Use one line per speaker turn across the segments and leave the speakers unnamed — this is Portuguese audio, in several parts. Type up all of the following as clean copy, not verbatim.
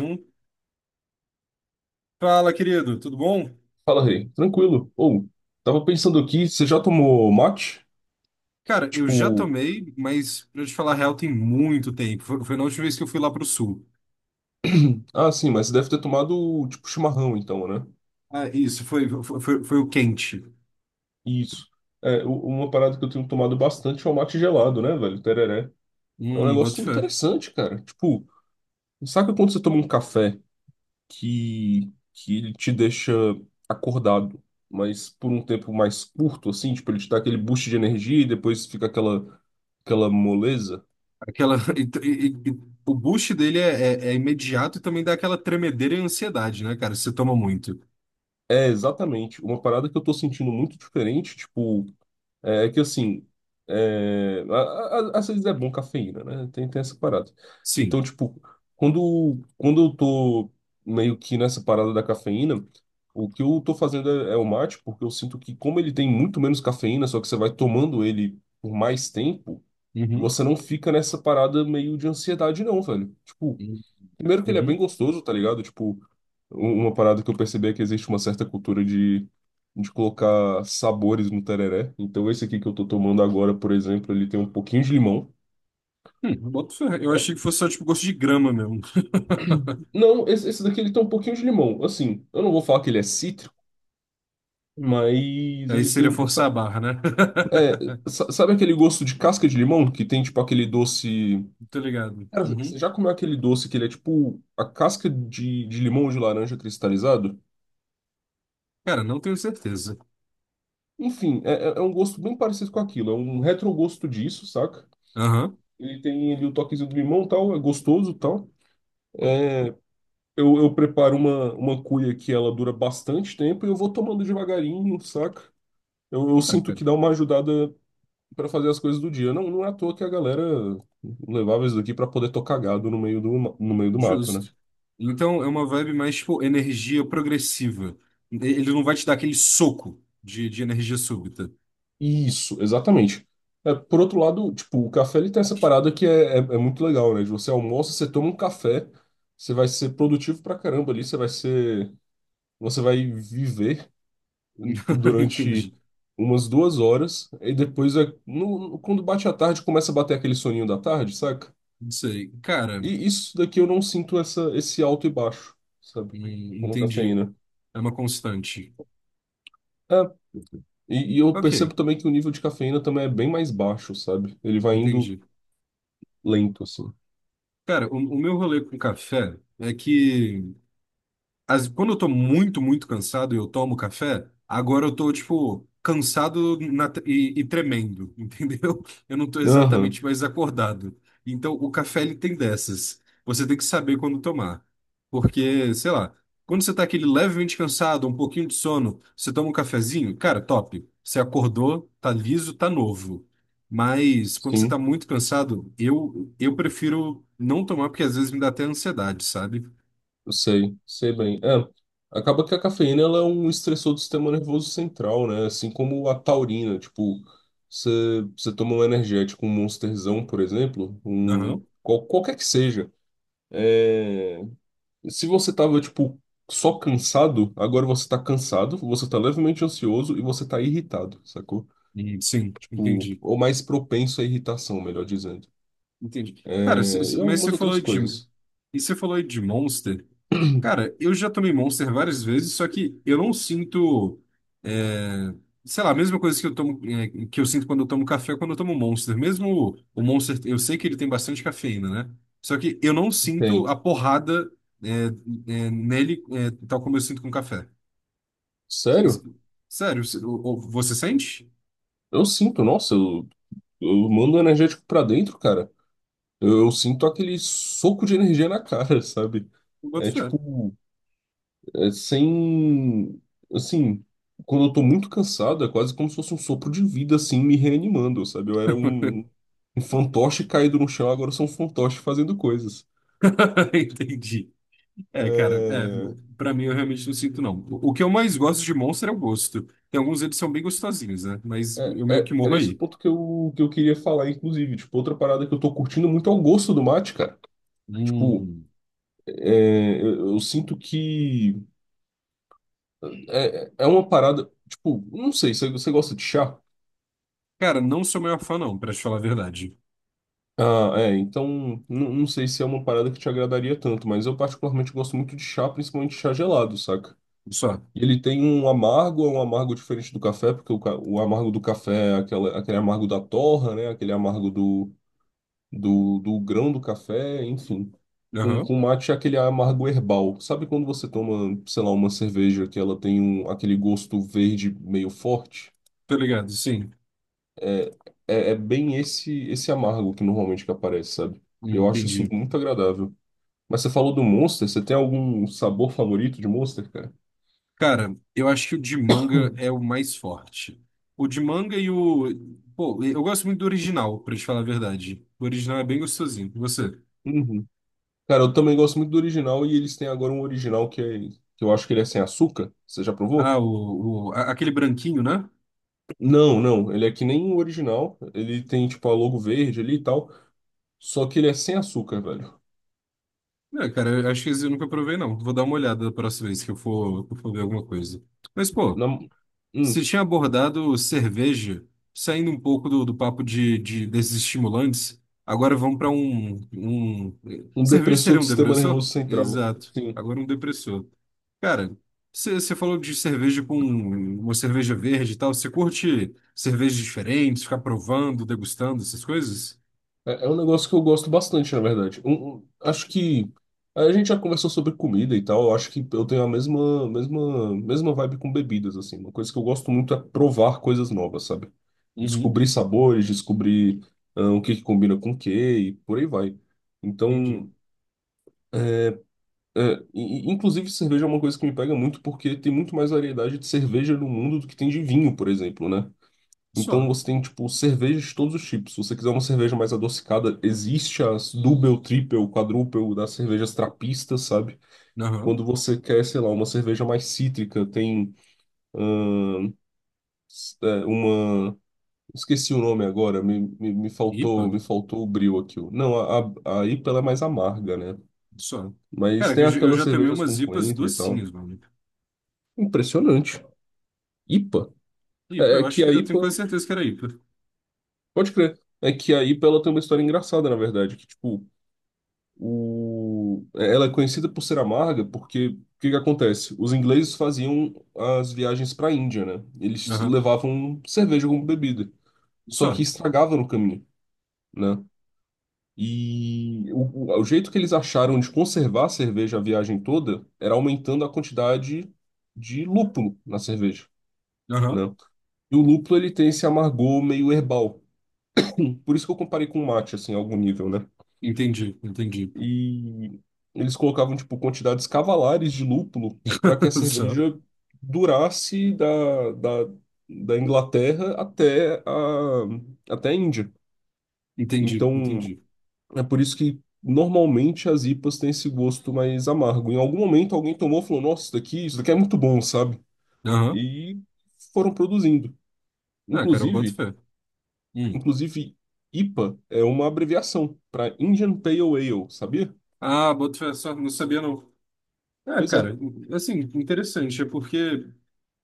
Um. Fala, querido, tudo bom?
Fala, Rei. Tranquilo. Ou, tava pensando aqui, você já tomou mate?
Cara, eu já
Tipo,
tomei, mas pra te falar a real, tem muito tempo. Foi na última vez que eu fui lá pro sul.
ah, sim, mas você deve ter tomado, tipo, chimarrão, então, né?
Ah, isso, foi o quente.
Isso. É, uma parada que eu tenho tomado bastante é o mate gelado, né, velho? Tereré. É um
Boto
negócio
fé.
interessante, cara. Tipo, saca quando você toma um café que ele te deixa acordado, mas por um tempo mais curto, assim? Tipo, ele te dá aquele boost de energia e depois fica aquela, aquela moleza?
Aquela, o boost dele é imediato e também dá aquela tremedeira e ansiedade, né, cara? Você toma muito.
É, exatamente. Uma parada que eu tô sentindo muito diferente, tipo, é que assim, às vezes é bom cafeína, né? Tem essa parada. Então,
Sim.
tipo, quando eu tô meio que nessa parada da cafeína, o que eu tô fazendo é, é o mate, porque eu sinto que como ele tem muito menos cafeína, só que você vai tomando ele por mais tempo,
Uhum.
você não fica nessa parada meio de ansiedade, não, velho. Tipo,
Uhum.
primeiro que ele é bem
Uhum.
gostoso, tá ligado? Tipo, uma parada que eu percebi é que existe uma certa cultura de colocar sabores no tereré. Então esse aqui que eu tô tomando agora, por exemplo, ele tem um pouquinho de limão.
Boto fé. Eu
É,
achei que fosse só, tipo, gosto de grama mesmo.
não, esse daqui ele tem um pouquinho de limão. Assim, eu não vou falar que ele é cítrico, mas
Aí
ele
seria
tem um
forçar a barra, né?
sabe aquele gosto de casca de limão? Que tem tipo aquele doce.
Tô ligado.
Cara, você
Uhum.
já comeu aquele doce que ele é tipo a casca de limão ou de laranja cristalizado?
Cara, não tenho certeza.
Enfim, é, é um gosto bem parecido com aquilo. É um retrogosto disso, saca?
Aham.
Ele tem ali o toquezinho do limão, tal, é gostoso, tal. Eu preparo uma cuia que ela dura bastante tempo e eu vou tomando devagarinho, saca? Eu
Ah,
sinto
cara,
que dá uma ajudada pra fazer as coisas do dia. Não, não é à toa que a galera levava isso daqui pra poder tocar gado no meio do, no meio do mato, né?
justo. Então é uma vibe mais, tipo, energia progressiva. Ele não vai te dar aquele soco de energia súbita.
Isso, exatamente. É, por outro lado, tipo, o café ele tem essa parada que é, é muito legal, né? De você almoça, você toma um café, você vai ser produtivo pra caramba ali, você vai ser, você vai viver um, durante
Entendi.
umas 2 horas, e depois, é, quando bate a tarde, começa a bater aquele soninho da tarde, saca?
Não sei. Cara,
E isso daqui eu não sinto essa, esse alto e baixo, sabe? Com a
entendi.
cafeína.
É uma constante.
É, e eu
Ok,
percebo também que o nível de cafeína também é bem mais baixo, sabe? Ele vai indo
entendi.
lento, assim.
Cara, o meu rolê com café é que. Quando eu tô muito cansado e eu tomo café, agora eu tô, tipo, e tremendo, entendeu? Eu não tô
Aham,
exatamente mais acordado. Então, o café, ele tem dessas. Você tem que saber quando tomar. Porque, sei lá, quando você tá aquele levemente cansado, um pouquinho de sono, você toma um cafezinho, cara, top. Você acordou, tá liso, tá novo. Mas quando você tá
sim.
muito cansado, eu prefiro não tomar, porque às vezes me dá até ansiedade, sabe?
Sei, sei bem. É, acaba que a cafeína ela é um estressor do sistema nervoso central, né? Assim como a taurina, tipo, você toma um energético, um Monsterzão, por exemplo, um
Aham.
qualquer que seja. É, se você tava, tipo, só cansado, agora você tá cansado, você tá levemente ansioso e você tá irritado, sacou?
Sim,
Tipo,
entendi.
ou mais propenso à irritação, melhor dizendo.
Entendi. Cara,
É, e
mas
algumas
você
outras
falou de.
coisas.
E você falou de Monster. Cara, eu já tomei Monster várias vezes, só que eu não sinto. É, sei lá, a mesma coisa que eu tomo, é, que eu sinto quando eu tomo café, ou quando eu tomo Monster. Mesmo o Monster, eu sei que ele tem bastante cafeína, né? Só que eu não sinto
Tem.
a porrada, é, é, nele, é, tal como eu sinto com café. Se-
Sério?
se- Sério, você sente?
Eu sinto, nossa, eu mando energético pra dentro, cara. Eu sinto aquele soco de energia na cara, sabe?
Eu boto
É
fé.
tipo, é sem. Assim, quando eu tô muito cansado, é quase como se fosse um sopro de vida, assim, me reanimando, sabe? Eu era um, um fantoche caído no chão, agora eu sou um fantoche fazendo coisas.
Entendi. É, cara, é,
É,
pra mim eu realmente não sinto, não. O que eu mais gosto de Monster é o gosto. Tem alguns eles são bem gostosinhos, né? Mas eu meio que morro
era esse o
aí.
ponto que eu queria falar, inclusive. Tipo, outra parada que eu tô curtindo muito é o gosto do mate, cara. Tipo,
Hum.
é, eu sinto que é, é uma parada, tipo, não sei, você gosta de chá?
Cara, não sou maior fã, não, pra te falar a verdade.
Ah, é, então não, não sei se é uma parada que te agradaria tanto, mas eu particularmente gosto muito de chá, principalmente chá gelado, saca?
Só.
E ele tem um amargo, é um amargo diferente do café, porque o, o amargo do café é aquela, aquele amargo da torra, né? Aquele amargo do, do grão do café, enfim. Com
Aham.
mate é aquele amargo herbal. Sabe quando você toma, sei lá, uma cerveja que ela tem um, aquele gosto verde meio forte?
Tô ligado, sim.
É, é, é bem esse amargo que normalmente que aparece, sabe? Eu acho isso
Entendi.
muito agradável. Mas você falou do Monster, você tem algum sabor favorito de Monster, cara?
Cara, eu acho que o de manga é o mais forte. O de manga e o. Pô, eu gosto muito do original, pra te falar a verdade. O original é bem gostosinho. E você?
Uhum. Cara, eu também gosto muito do original e eles têm agora um original que, é, que eu acho que ele é sem açúcar. Você já provou?
Ah, aquele branquinho, né?
Não, não, ele é que nem o original. Ele tem tipo a logo verde ali e tal, só que ele é sem açúcar, velho.
É, cara, eu acho que esse eu nunca provei, não. Vou dar uma olhada da próxima vez que eu for ver alguma coisa. Mas, pô,
Na-
você
hum,
tinha abordado cerveja, saindo um pouco do, do papo desses estimulantes, agora vamos para um, um.
um
Cerveja
depressor
seria
do
um
sistema
depressor?
nervoso central.
Exato.
Sim.
Agora um depressor. Cara, você falou de cerveja com uma cerveja verde e tal. Você curte cervejas diferentes, ficar provando, degustando essas coisas?
É, é um negócio que eu gosto bastante, na verdade. Acho que a gente já conversou sobre comida e tal. Eu acho que eu tenho a mesma vibe com bebidas, assim. Uma coisa que eu gosto muito é provar coisas novas, sabe?
Uhum,
Descobrir sabores, descobrir ah, o que que combina com o que e por aí vai.
entendi.
Então, é, e, inclusive cerveja é uma coisa que me pega muito porque tem muito mais variedade de cerveja no mundo do que tem de vinho, por exemplo, né? Então
Só.
você tem, tipo, cervejas de todos os tipos. Se você quiser uma cerveja mais adocicada, existe as double, triple, quadruple das cervejas trapistas, sabe?
Aham.
Quando você quer, sei lá, uma cerveja mais cítrica, tem ahn, uma. Esqueci o nome agora, me
IPA?
faltou, me faltou o brio aqui. Não, a IPA ela é mais amarga, né?
Só.
Mas
Cara,
tem
eu
aquelas
já tomei
cervejas
umas
com
IPAs
coentro e tal.
docinhas, mano.
Impressionante. IPA.
IPA,
É, é
eu acho
que
que
a
eu tenho
IPA.
quase certeza que era IPA.
Pode crer. É que a IPA ela tem uma história engraçada, na verdade, que tipo. O... Ela é conhecida por ser amarga porque o que que acontece? Os ingleses faziam as viagens para a Índia, né? Eles
Aham.
levavam cerveja como bebida, só que
Só.
estragava no caminho, né? E o, o jeito que eles acharam de conservar a cerveja a viagem toda era aumentando a quantidade de lúpulo na cerveja, né?
Aham.
E o lúpulo ele tem esse amargor meio herbal. Por isso que eu comparei com o mate, assim, a algum nível, né?
Entendi, entendi.
E eles colocavam, tipo, quantidades cavalares de lúpulo para que a
Só.
cerveja durasse da, da, da Inglaterra até a, até a Índia.
Entendi,
Então,
entendi.
é por isso que normalmente as IPAs têm esse gosto mais amargo. Em algum momento alguém tomou e falou, nossa, isso daqui é muito bom, sabe?
Aham.
E foram produzindo.
Ah, cara, eu boto
Inclusive,
fé. Hum.
inclusive, IPA é uma abreviação para Indian Pale Ale, sabia?
Ah, boto fé, só não sabia não. É,
Pois é.
cara, assim, interessante, é porque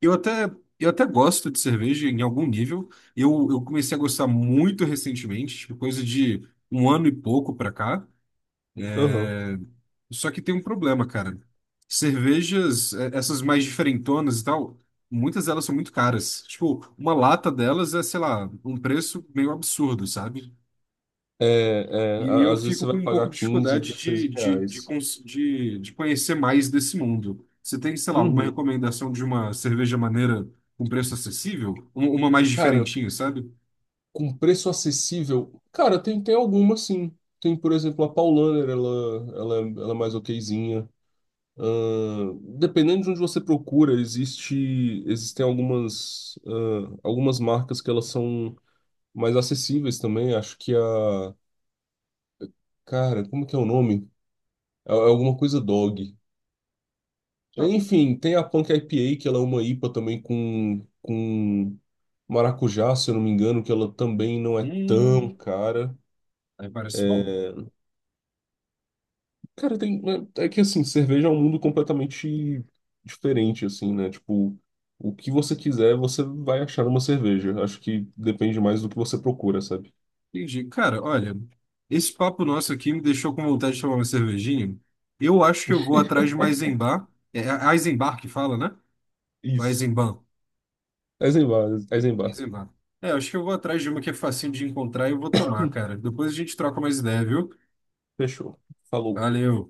eu até, eu até gosto de cerveja em algum nível. Eu comecei a gostar muito recentemente, tipo, coisa de um ano e pouco pra cá.
Aham.
É, só que tem um problema, cara. Cervejas, essas mais diferentonas e tal, muitas delas são muito caras. Tipo, uma lata delas é, sei lá, um preço meio absurdo, sabe?
É, é,
E eu
às vezes
fico
você
com
vai
um pouco
pagar
de
15,
dificuldade
16 reais.
de conhecer mais desse mundo. Você tem, sei lá, alguma
Uhum.
recomendação de uma cerveja maneira com preço acessível? Uma mais
Cara,
diferentinha, sabe?
com preço acessível, cara, tem, tem alguma sim. Tem, por exemplo, a Paulaner, ela, ela é mais okzinha. Dependendo de onde você procura, existe, existem algumas, algumas marcas que elas são mais acessíveis também. Acho que a. Cara, como que é o nome? É é alguma coisa dog.
Ah,
Enfim, tem a Punk IPA, que ela é uma IPA também com maracujá, se eu não me engano, que ela também não é tão
hum,
cara.
aí parece bom.
Cara, tem, é é que assim, cerveja é um mundo completamente diferente, assim, né? Tipo, o que você quiser, você vai achar uma cerveja. Acho que depende mais do que você procura, sabe?
Entendi. Cara, olha, esse papo nosso aqui me deixou com vontade de tomar uma cervejinha. Eu acho que eu vou atrás de uma Eisenbahn. É é a Eisenbahn que fala, né? Ou é
Isso.
Eisenbahn.
Eisenbar,
É
Eisenbar.
Eisenbahn. É, acho que eu vou atrás de uma que é facinho de encontrar e eu vou tomar, cara. Depois a gente troca mais ideia, viu?
Fechou. Falou.
Valeu.